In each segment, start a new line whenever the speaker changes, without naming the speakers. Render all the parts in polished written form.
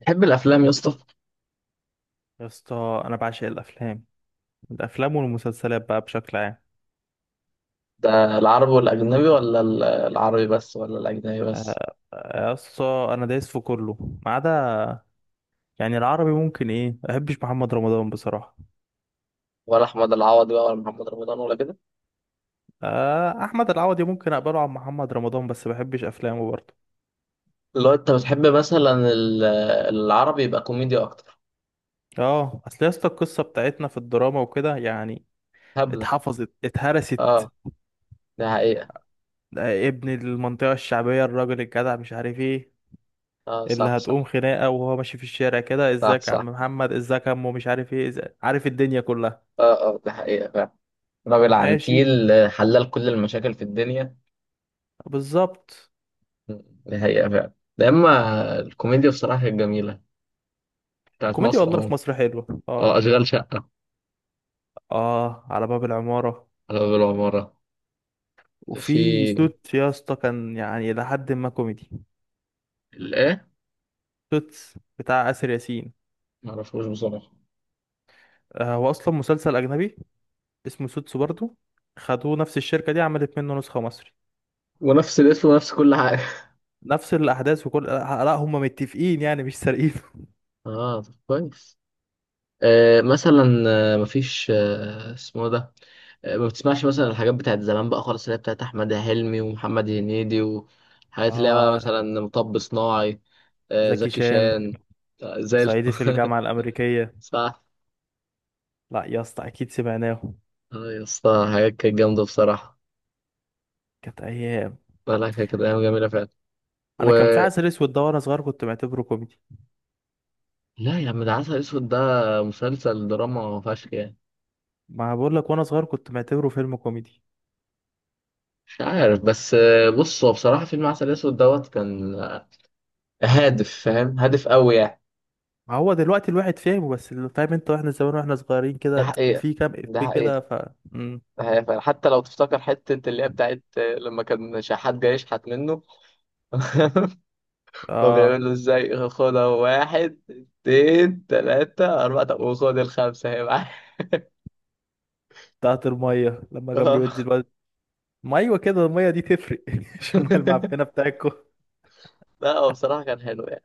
تحب الافلام يا اسطى؟
يا اسطى انا بعشق الافلام. الافلام والمسلسلات بقى بشكل عام.
ده العربي والاجنبي ولا العربي بس ولا الاجنبي بس؟
آه، يا اسطى انا دايس في كله ما عدا، يعني العربي ممكن ايه. ما بحبش محمد رمضان بصراحه.
ولا احمد العوضي بقى ولا محمد رمضان ولا كده؟
آه، احمد العوضي ممكن اقبله عن محمد رمضان بس ما بحبش افلامه برضه.
اللي هو انت بتحب مثلا العربي يبقى كوميديا اكتر؟
اه اصل يا اسطى القصه بتاعتنا في الدراما وكده يعني.
هبله.
اتحفظت
اه،
اتهرست.
ده حقيقه.
آه، ابن المنطقه الشعبيه الراجل الجدع مش عارف ايه،
اه،
اللي
صح
هتقوم
صح
خناقه وهو ماشي في الشارع كده.
صح
ازيك يا عم
صح.
محمد، ازيك يا عمو، مش عارف ايه، إزيك. عارف الدنيا كلها.
اه اه ده حقيقه فعلا. راجل
ماشي.
عنتيل، حلال كل المشاكل في الدنيا.
بالظبط.
م، ده حقيقه فعلا. ده اما الكوميديا بصراحه كانت جميله، بتاعت
كوميديا
مصر
والله
اهو.
في مصر حلوة،
اه،
اه.
اشغال شقه،
اه، على باب العمارة.
على باب العماره.
وفي
في
سوت يا اسطى كان يعني إلى حد ما كوميدي.
الايه؟
سوتس بتاع آسر ياسين.
معرفوش بصراحه.
آه، هو أصلا مسلسل أجنبي اسمه سوتس برضه. خدوه نفس الشركة دي عملت منه نسخة مصري.
ونفس الاسم ونفس كل حاجة؟
نفس الأحداث وكل لا، هم متفقين يعني مش سارقينه.
اه طب كويس. مثلا مفيش اسمه ده. ما بتسمعش مثلا الحاجات بتاعت زمان بقى خالص اللي هي بتاعت أحمد حلمي ومحمد هنيدي وحاجات اللي هي بقى
اه،
مثلا مطب صناعي.
زكي
زكي
شان.
شان. زي
صعيدي في الجامعة الأمريكية.
صح.
لا يا اسطى أكيد سمعناه.
اه يا اسطى حاجات كانت جامدة بصراحة.
كانت أيام.
لا لا، كانت أيام جميلة فعلا.
أنا
و
كان في عسل أسود ده، وأنا صغير كنت معتبره كوميدي.
لا يا عم، ده عسل أسود ده مسلسل دراما فشخ يعني.
ما بقول لك وانا صغير كنت معتبره فيلم كوميدي.
مش عارف بس بص هو بصراحة فيلم عسل أسود دوت كان هادف، فاهم، هادف قوي يعني.
ما هو دلوقتي الواحد فاهمه، بس اللي فاهم انت واحنا زمان واحنا صغيرين
ده
كده
حقيقة،
في كام
ده
افيه
حقيقة،
كده، ف
ده حقيقة فعلا. حتى لو تفتكر حتة اللي هي بتاعت لما كان شحات جاي يشحت منه. هو بيعمل
اه.
له ازاي، خدها واحد اتنين تلاتة أربعة، طب وخد الخمسة هي معاك.
بتاعت الميه لما كان بيودي
اه.
الواد. ما ايوه كده، الميه دي تفرق، مش الميه المعفنه بتاعتكم.
لا هو بصراحة كان حلو يعني.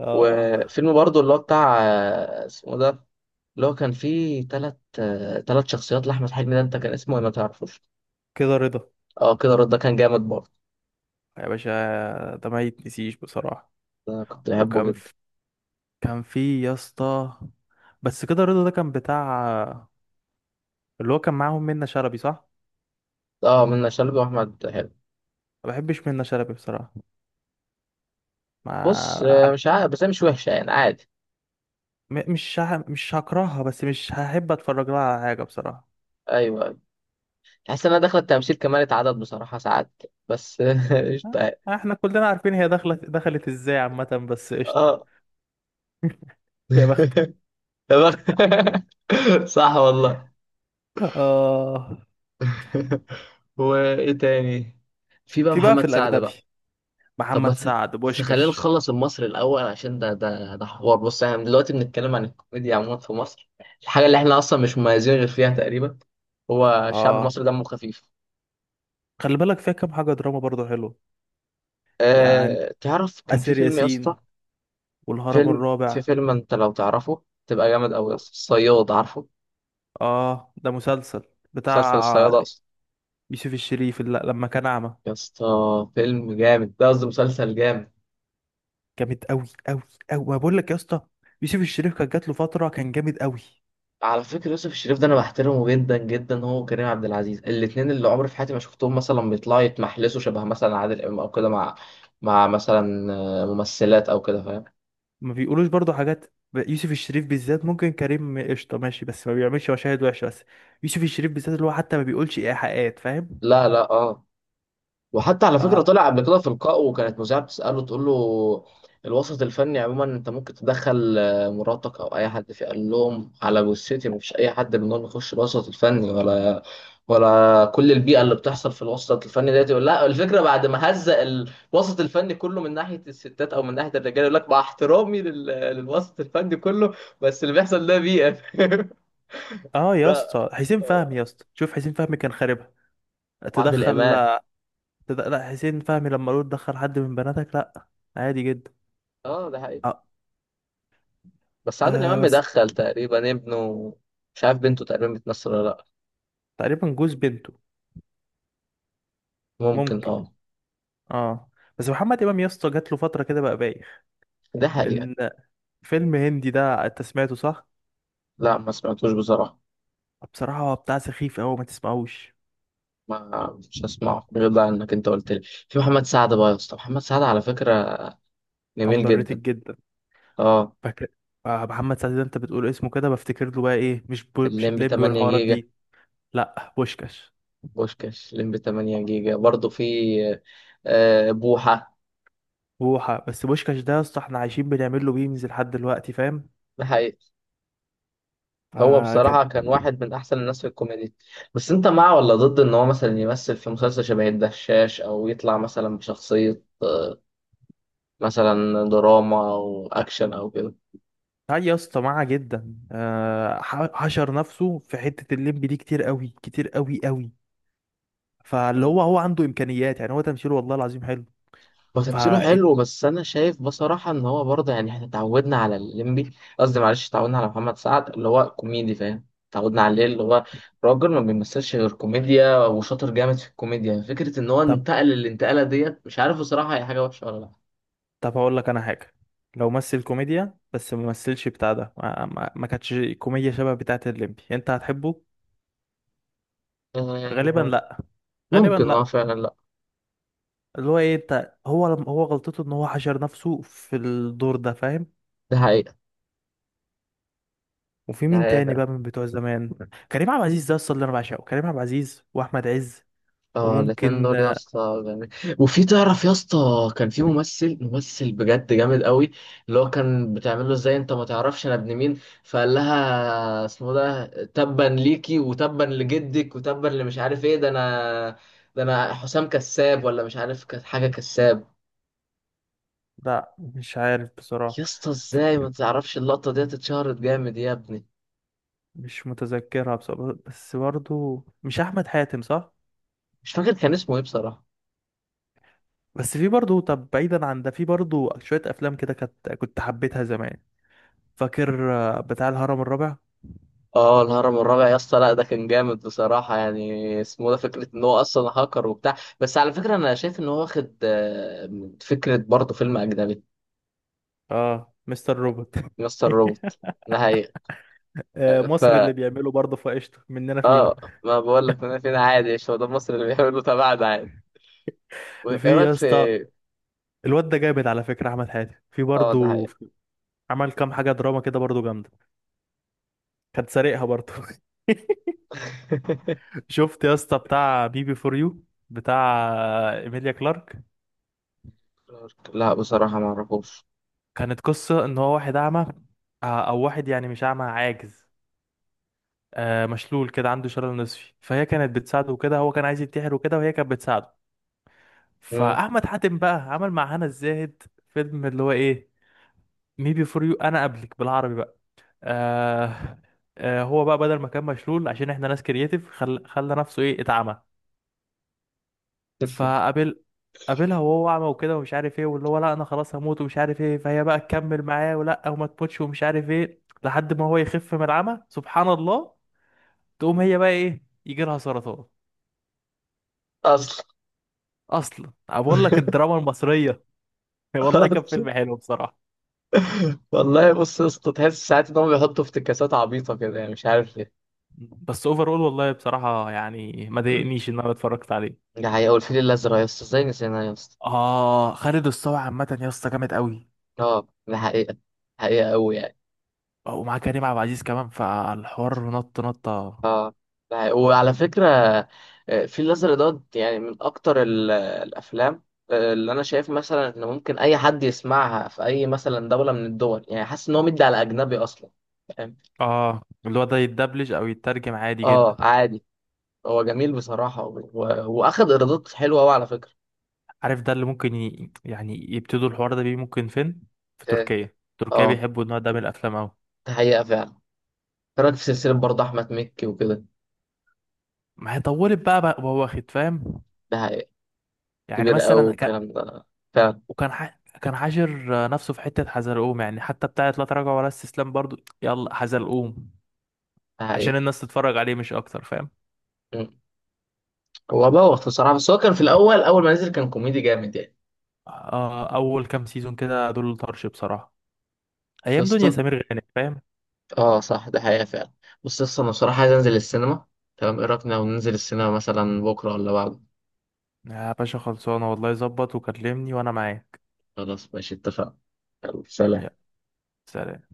اه
وفيلم برضه اللي هو بتاع، اسمه ده، اللي هو كان فيه تلات شخصيات لأحمد حلمي ده، أنت كان اسمه إيه؟ ما تعرفوش.
كده رضا.
اه كده رد ده كان جامد برضه،
يا باشا ده ما يتنسيش بصراحه.
ده كنت بحبه
وكان
جدا.
في... كان في يا اسطى، بس كده رضا ده كان بتاع اللي هو كان معاهم منة شلبي، صح.
اه، من شلبي واحمد حلمي.
ما بحبش منة شلبي بصراحه.
بص
ما
مش عارف بس هي مش وحشه يعني عادي.
م- مش ه... مش هكرهها بس مش هحب اتفرج لها على حاجه بصراحه.
ايوه، أيوة. تحس انها داخله التمثيل كمالة عدد بصراحه ساعات، بس قشطه يعني.
آه، احنا كلنا عارفين هي دخلت دخلت ازاي عامه. بس قشطه.
اه
يا بخت.
تمام. صح والله.
اه،
وايه تاني؟ في بقى
في بقى في
محمد سعد
الاجنبي
بقى. طب ما
محمد سعد
ت- خلينا
بوشكاش.
نخلص المصري الاول، عشان ده حوار. بص احنا دلوقتي بنتكلم عن الكوميديا عموما في مصر، الحاجه اللي احنا اصلا مش مميزين غير فيها تقريبا، هو الشعب
اه،
المصري دمه خفيف.
خلي بالك فيها كام حاجه دراما برضه حلو يعني.
أه تعرف كان في
اسر
فيلم يا اسطى،
ياسين والهرم
فيلم في
الرابع
فيلم انت لو تعرفه تبقى جامد قوي يا
و...
اسطى، الصياد، عارفه؟
اه، ده مسلسل
مسلسل الصياد
بتاع
اصلا.
يوسف الشريف، اللي لما كان اعمى.
يا اسطى فيلم جامد ده، قصدي مسلسل جامد.
جامد قوي قوي قوي. ما بقول لك يا اسطى، يوسف الشريف كان جات له فتره كان جامد قوي.
على فكرة يوسف الشريف ده انا بحترمه جدا جدا، هو وكريم عبد العزيز الاتنين، اللي عمري في حياتي ما شفتهم مثلا بيطلعوا يتمحلسوا شبه مثلا عادل امام او كده، مع مثلا ممثلات او كده فاهم.
ما بيقولوش برضو حاجات ب- يوسف الشريف بالذات، ممكن كريم قشطة ماشي بس ما بيعملش مشاهد وحشة، بس يوسف الشريف بالذات اللي هو حتى ما بيقولش إيحاءات، فاهم.
لا لا اه. وحتى على فكرة
اه.
طلع قبل كده في لقاء، وكانت مذيعة بتسأله تقول له، الوسط الفني عموما انت ممكن تدخل مراتك او اي حد فيه؟ قال لهم على جثتي، مفيش اي حد منهم يخش الوسط الفني ولا كل البيئة اللي بتحصل في الوسط الفني ديت. يقول لا، الفكرة بعد ما هزق الوسط الفني كله من ناحية الستات او من ناحية الرجال، يقول لك مع احترامي للوسط الفني كله، بس اللي بيحصل ده بيئة.
اه يا
ده
اسطى حسين فهمي، يا اسطى شوف حسين فهمي كان خاربها.
بعد
تدخل
الإيمان.
لا، حسين فهمي لما قالوا تدخل حد من بناتك، لا، عادي جدا.
اه ده حقيقي.
اه،
بس عادل امام
آه بس.
مدخل تقريبا ابنه، مش عارف بنته تقريبا بتمثل ولا لا.
تقريبا جوز بنته.
ممكن
ممكن.
اه.
اه، بس محمد إمام يا اسطى جات له فترة كده بقى بايخ
ده حقيقة.
من فيلم هندي ده، انت سمعته صح؟
لا ما سمعتوش بصراحة.
بصراحة هو بتاع سخيف أوي، ما تسمعوش.
ما مش هسمعه غير بقى انك انت قلت لي. في محمد سعد بقى يا اسطى، محمد سعد على فكرة جميل
اندر
جدا.
ريتد جدا.
اه
فاكر محمد سعد ده انت بتقول اسمه كده بفتكر له بقى ايه، مش
الليمبي
الليمبي
8
والحوارات
جيجا،
دي. لا، بوشكاش.
بوشكاش الليمبي 8 جيجا برضه، في بوحة.
بوحة، بس بوشكاش ده يا اسطى احنا عايشين بنعمل له ميمز لحد دلوقتي، فاهم.
ده حقيقة. هو
آه كان
بصراحة كان واحد من أحسن الناس في الكوميديا، بس أنت مع ولا ضد إن هو مثلا يمثل في مسلسل شبه الدشاش، أو يطلع مثلا بشخصية مثلا دراما او اكشن او كده؟
هاي يا اسطى معاه جدا. حشر نفسه في حتة الليمبي دي كتير قوي كتير قوي قوي. فاللي
مم.
هو عنده امكانيات يعني، هو تمثيله والله العظيم حلو.
هو
ف
تمثيله حلو بس انا شايف بصراحه ان هو برضه يعني احنا اتعودنا على الليمبي. قصدي معلش، اتعودنا على محمد سعد اللي هو كوميدي، فاهم، اتعودنا عليه، اللي هو راجل ما بيمثلش غير كوميديا وشاطر جامد في الكوميديا، فكره ان هو
طب،
انتقل الانتقاله ديت مش عارف بصراحه هي حاجه وحشه ولا لا.
طب هقول لك انا حاجة. لو مثل كوميديا بس ما مثلش بتاع ده، ما كانتش كوميديا شبه بتاعت الليمبي، انت هتحبه غالبا.
آه،
غالبا
ممكن اه
لا.
فعلا لا.
اللي هو ايه، انت هو غلطته ان هو حشر نفسه في الدور ده، فاهم.
ده حقيقه.
وفي
ده
مين
حقيقة
تاني بقى
فعلا.
من بتوع زمان؟ كريم عبد العزيز ده اصلا اللي انا بعشقه، كريم عبد العزيز واحمد عز.
اه الاتنين
وممكن
دول يا اسطى جامد. وفي تعرف يا اسطى، كان في ممثل بجد جامد قوي، اللي هو كان بتعمل له ازاي انت ما تعرفش انا ابن مين؟ فقال لها اسمه ده تبا ليكي وتبا لجدك وتبا اللي مش عارف ايه، ده انا حسام كساب ولا مش عارف كانت حاجه كساب.
لا، مش عارف بصراحة.
يا اسطى
ف-
ازاي ما تعرفش؟ اللقطه دي اتشهرت جامد يا ابني.
مش متذكرها بصراحة، بس برضو مش احمد حاتم، صح.
مش فاكر كان اسمه ايه بصراحه.
بس في برضو، طب بعيدا عن ده، في برضو شوية افلام كده كنت حبيتها زمان. فاكر بتاع الهرم الرابع.
اه الهرم الرابع يا اسطى، لا ده كان جامد بصراحة يعني، اسمه ده فكرة ان هو اصلا هاكر وبتاع، بس على فكرة انا شايف ان هو واخد من فكرة برضه فيلم اجنبي.
اه، مستر روبوت.
مستر روبوت، ده حقيقة. آه، ف
مصر اللي بيعمله برضه في قشطة مننا فينا.
اه ما بقول لك انا، فين عادي؟ مش هو ده مصر اللي بيعملوا تبعنا عادي. وايه
في
رايك
يا
في؟
اسطى الواد ده جامد، على فكرة احمد حاتم في
اه ده
برضه
حقيقة.
عمل كام حاجة دراما كده برضه جامدة. كانت سارقها برضه. شفت يا اسطى بتاع بيبي فور يو، بتاع ايميليا كلارك؟
لا بصراحة ما اعرفوش.
كانت قصة ان هو واحد اعمى، او واحد يعني مش اعمى، عاجز، مشلول كده، عنده شلل نصفي. فهي كانت بتساعده كده، هو كان عايز ينتحر وكده، وهي كانت بتساعده.
مم.
فاحمد حاتم بقى عمل مع هنا الزاهد فيلم اللي هو ايه، مي بي فور يو، انا قبلك بالعربي بقى. آه هو بقى بدل ما كان مشلول، عشان احنا ناس كرييتيف، خلى نفسه ايه، اتعمى. فقابل قابلها وهو اعمى وكده ومش عارف ايه، واللي هو لا انا خلاص هموت ومش عارف ايه، فهي بقى تكمل معاه ولا وما تموتش ومش عارف ايه، لحد ما هو يخف من العمى سبحان الله. تقوم هي بقى ايه، يجي لها سرطان.
اصلا
اصلا أنا بقول لك الدراما المصرية. والله كان
اصلا
فيلم حلو بصراحة.
والله، بص يا اسطى تحس ساعات ان هم بيحطوا افتكاسات عبيطة كده يعني مش عارف
بس اوفرول والله بصراحة يعني ما
ليه.
ضايقنيش ان انا اتفرجت عليه.
ده حقيقة، والفيل الأزرق يا اسطى، ازاي نسيناه يا اسطى.
اه، خالد الصاوي عامة يا اسطى جامد قوي.
اه ده حقيقة، حقيقة أوي يعني.
ومعاه كريم عبد العزيز كمان، فالحوار نط نطة.
اه ده حقيقة. وعلى فكرة الفيل الأزرق ده يعني من أكتر الأفلام اللي أنا شايف مثلا إن ممكن أي حد يسمعها في أي مثلا دولة من الدول، يعني حاسس إن هو مدي على أجنبي أصلا، فاهم.
اه، اللي هو ده يتدبلج او يترجم عادي
اه
جدا.
عادي، هو جميل بصراحة وأخد إيرادات حلوة أوي على فكرة.
عارف ده اللي ممكن يعني يبتدوا الحوار ده بيه ممكن فين؟ في
اه
تركيا، تركيا
آه،
بيحبوا النوع ده من الافلام قوي.
ده حقيقة فعلا. كانت في سلسلة برضه أحمد مكي وكده،
ما هي طولت بقى وهو واخد، فاهم.
ده حقيقة،
يعني
كبير أوي
مثلا كان،
الكلام ده فعلا،
كان حاشر نفسه في حتة حزلقوم يعني، حتى بتاعت لا تراجع ولا استسلام برضو يلا حزلقوم،
ده
عشان
حقيقة.
الناس تتفرج عليه مش اكتر، فاهم.
هو بوخ الصراحه، بس هو كان في الاول اول ما نزل كان كوميدي جامد يعني.
آه، اول كام سيزون كده دول طرش بصراحة.
بس يا
ايام دنيا
اسطى
سمير غانم، فاهم.
اه صح ده حقيقه فعلا. بس يا اسطى انا بصراحه عايز انزل السينما، تمام؟ ايه رايك لو ننزل السينما مثلا بكره ولا بعد؟
يا باشا خلصانة والله، ظبط وكلمني وانا معاك.
خلاص ماشي اتفقنا، يلا سلام.
يا سلام.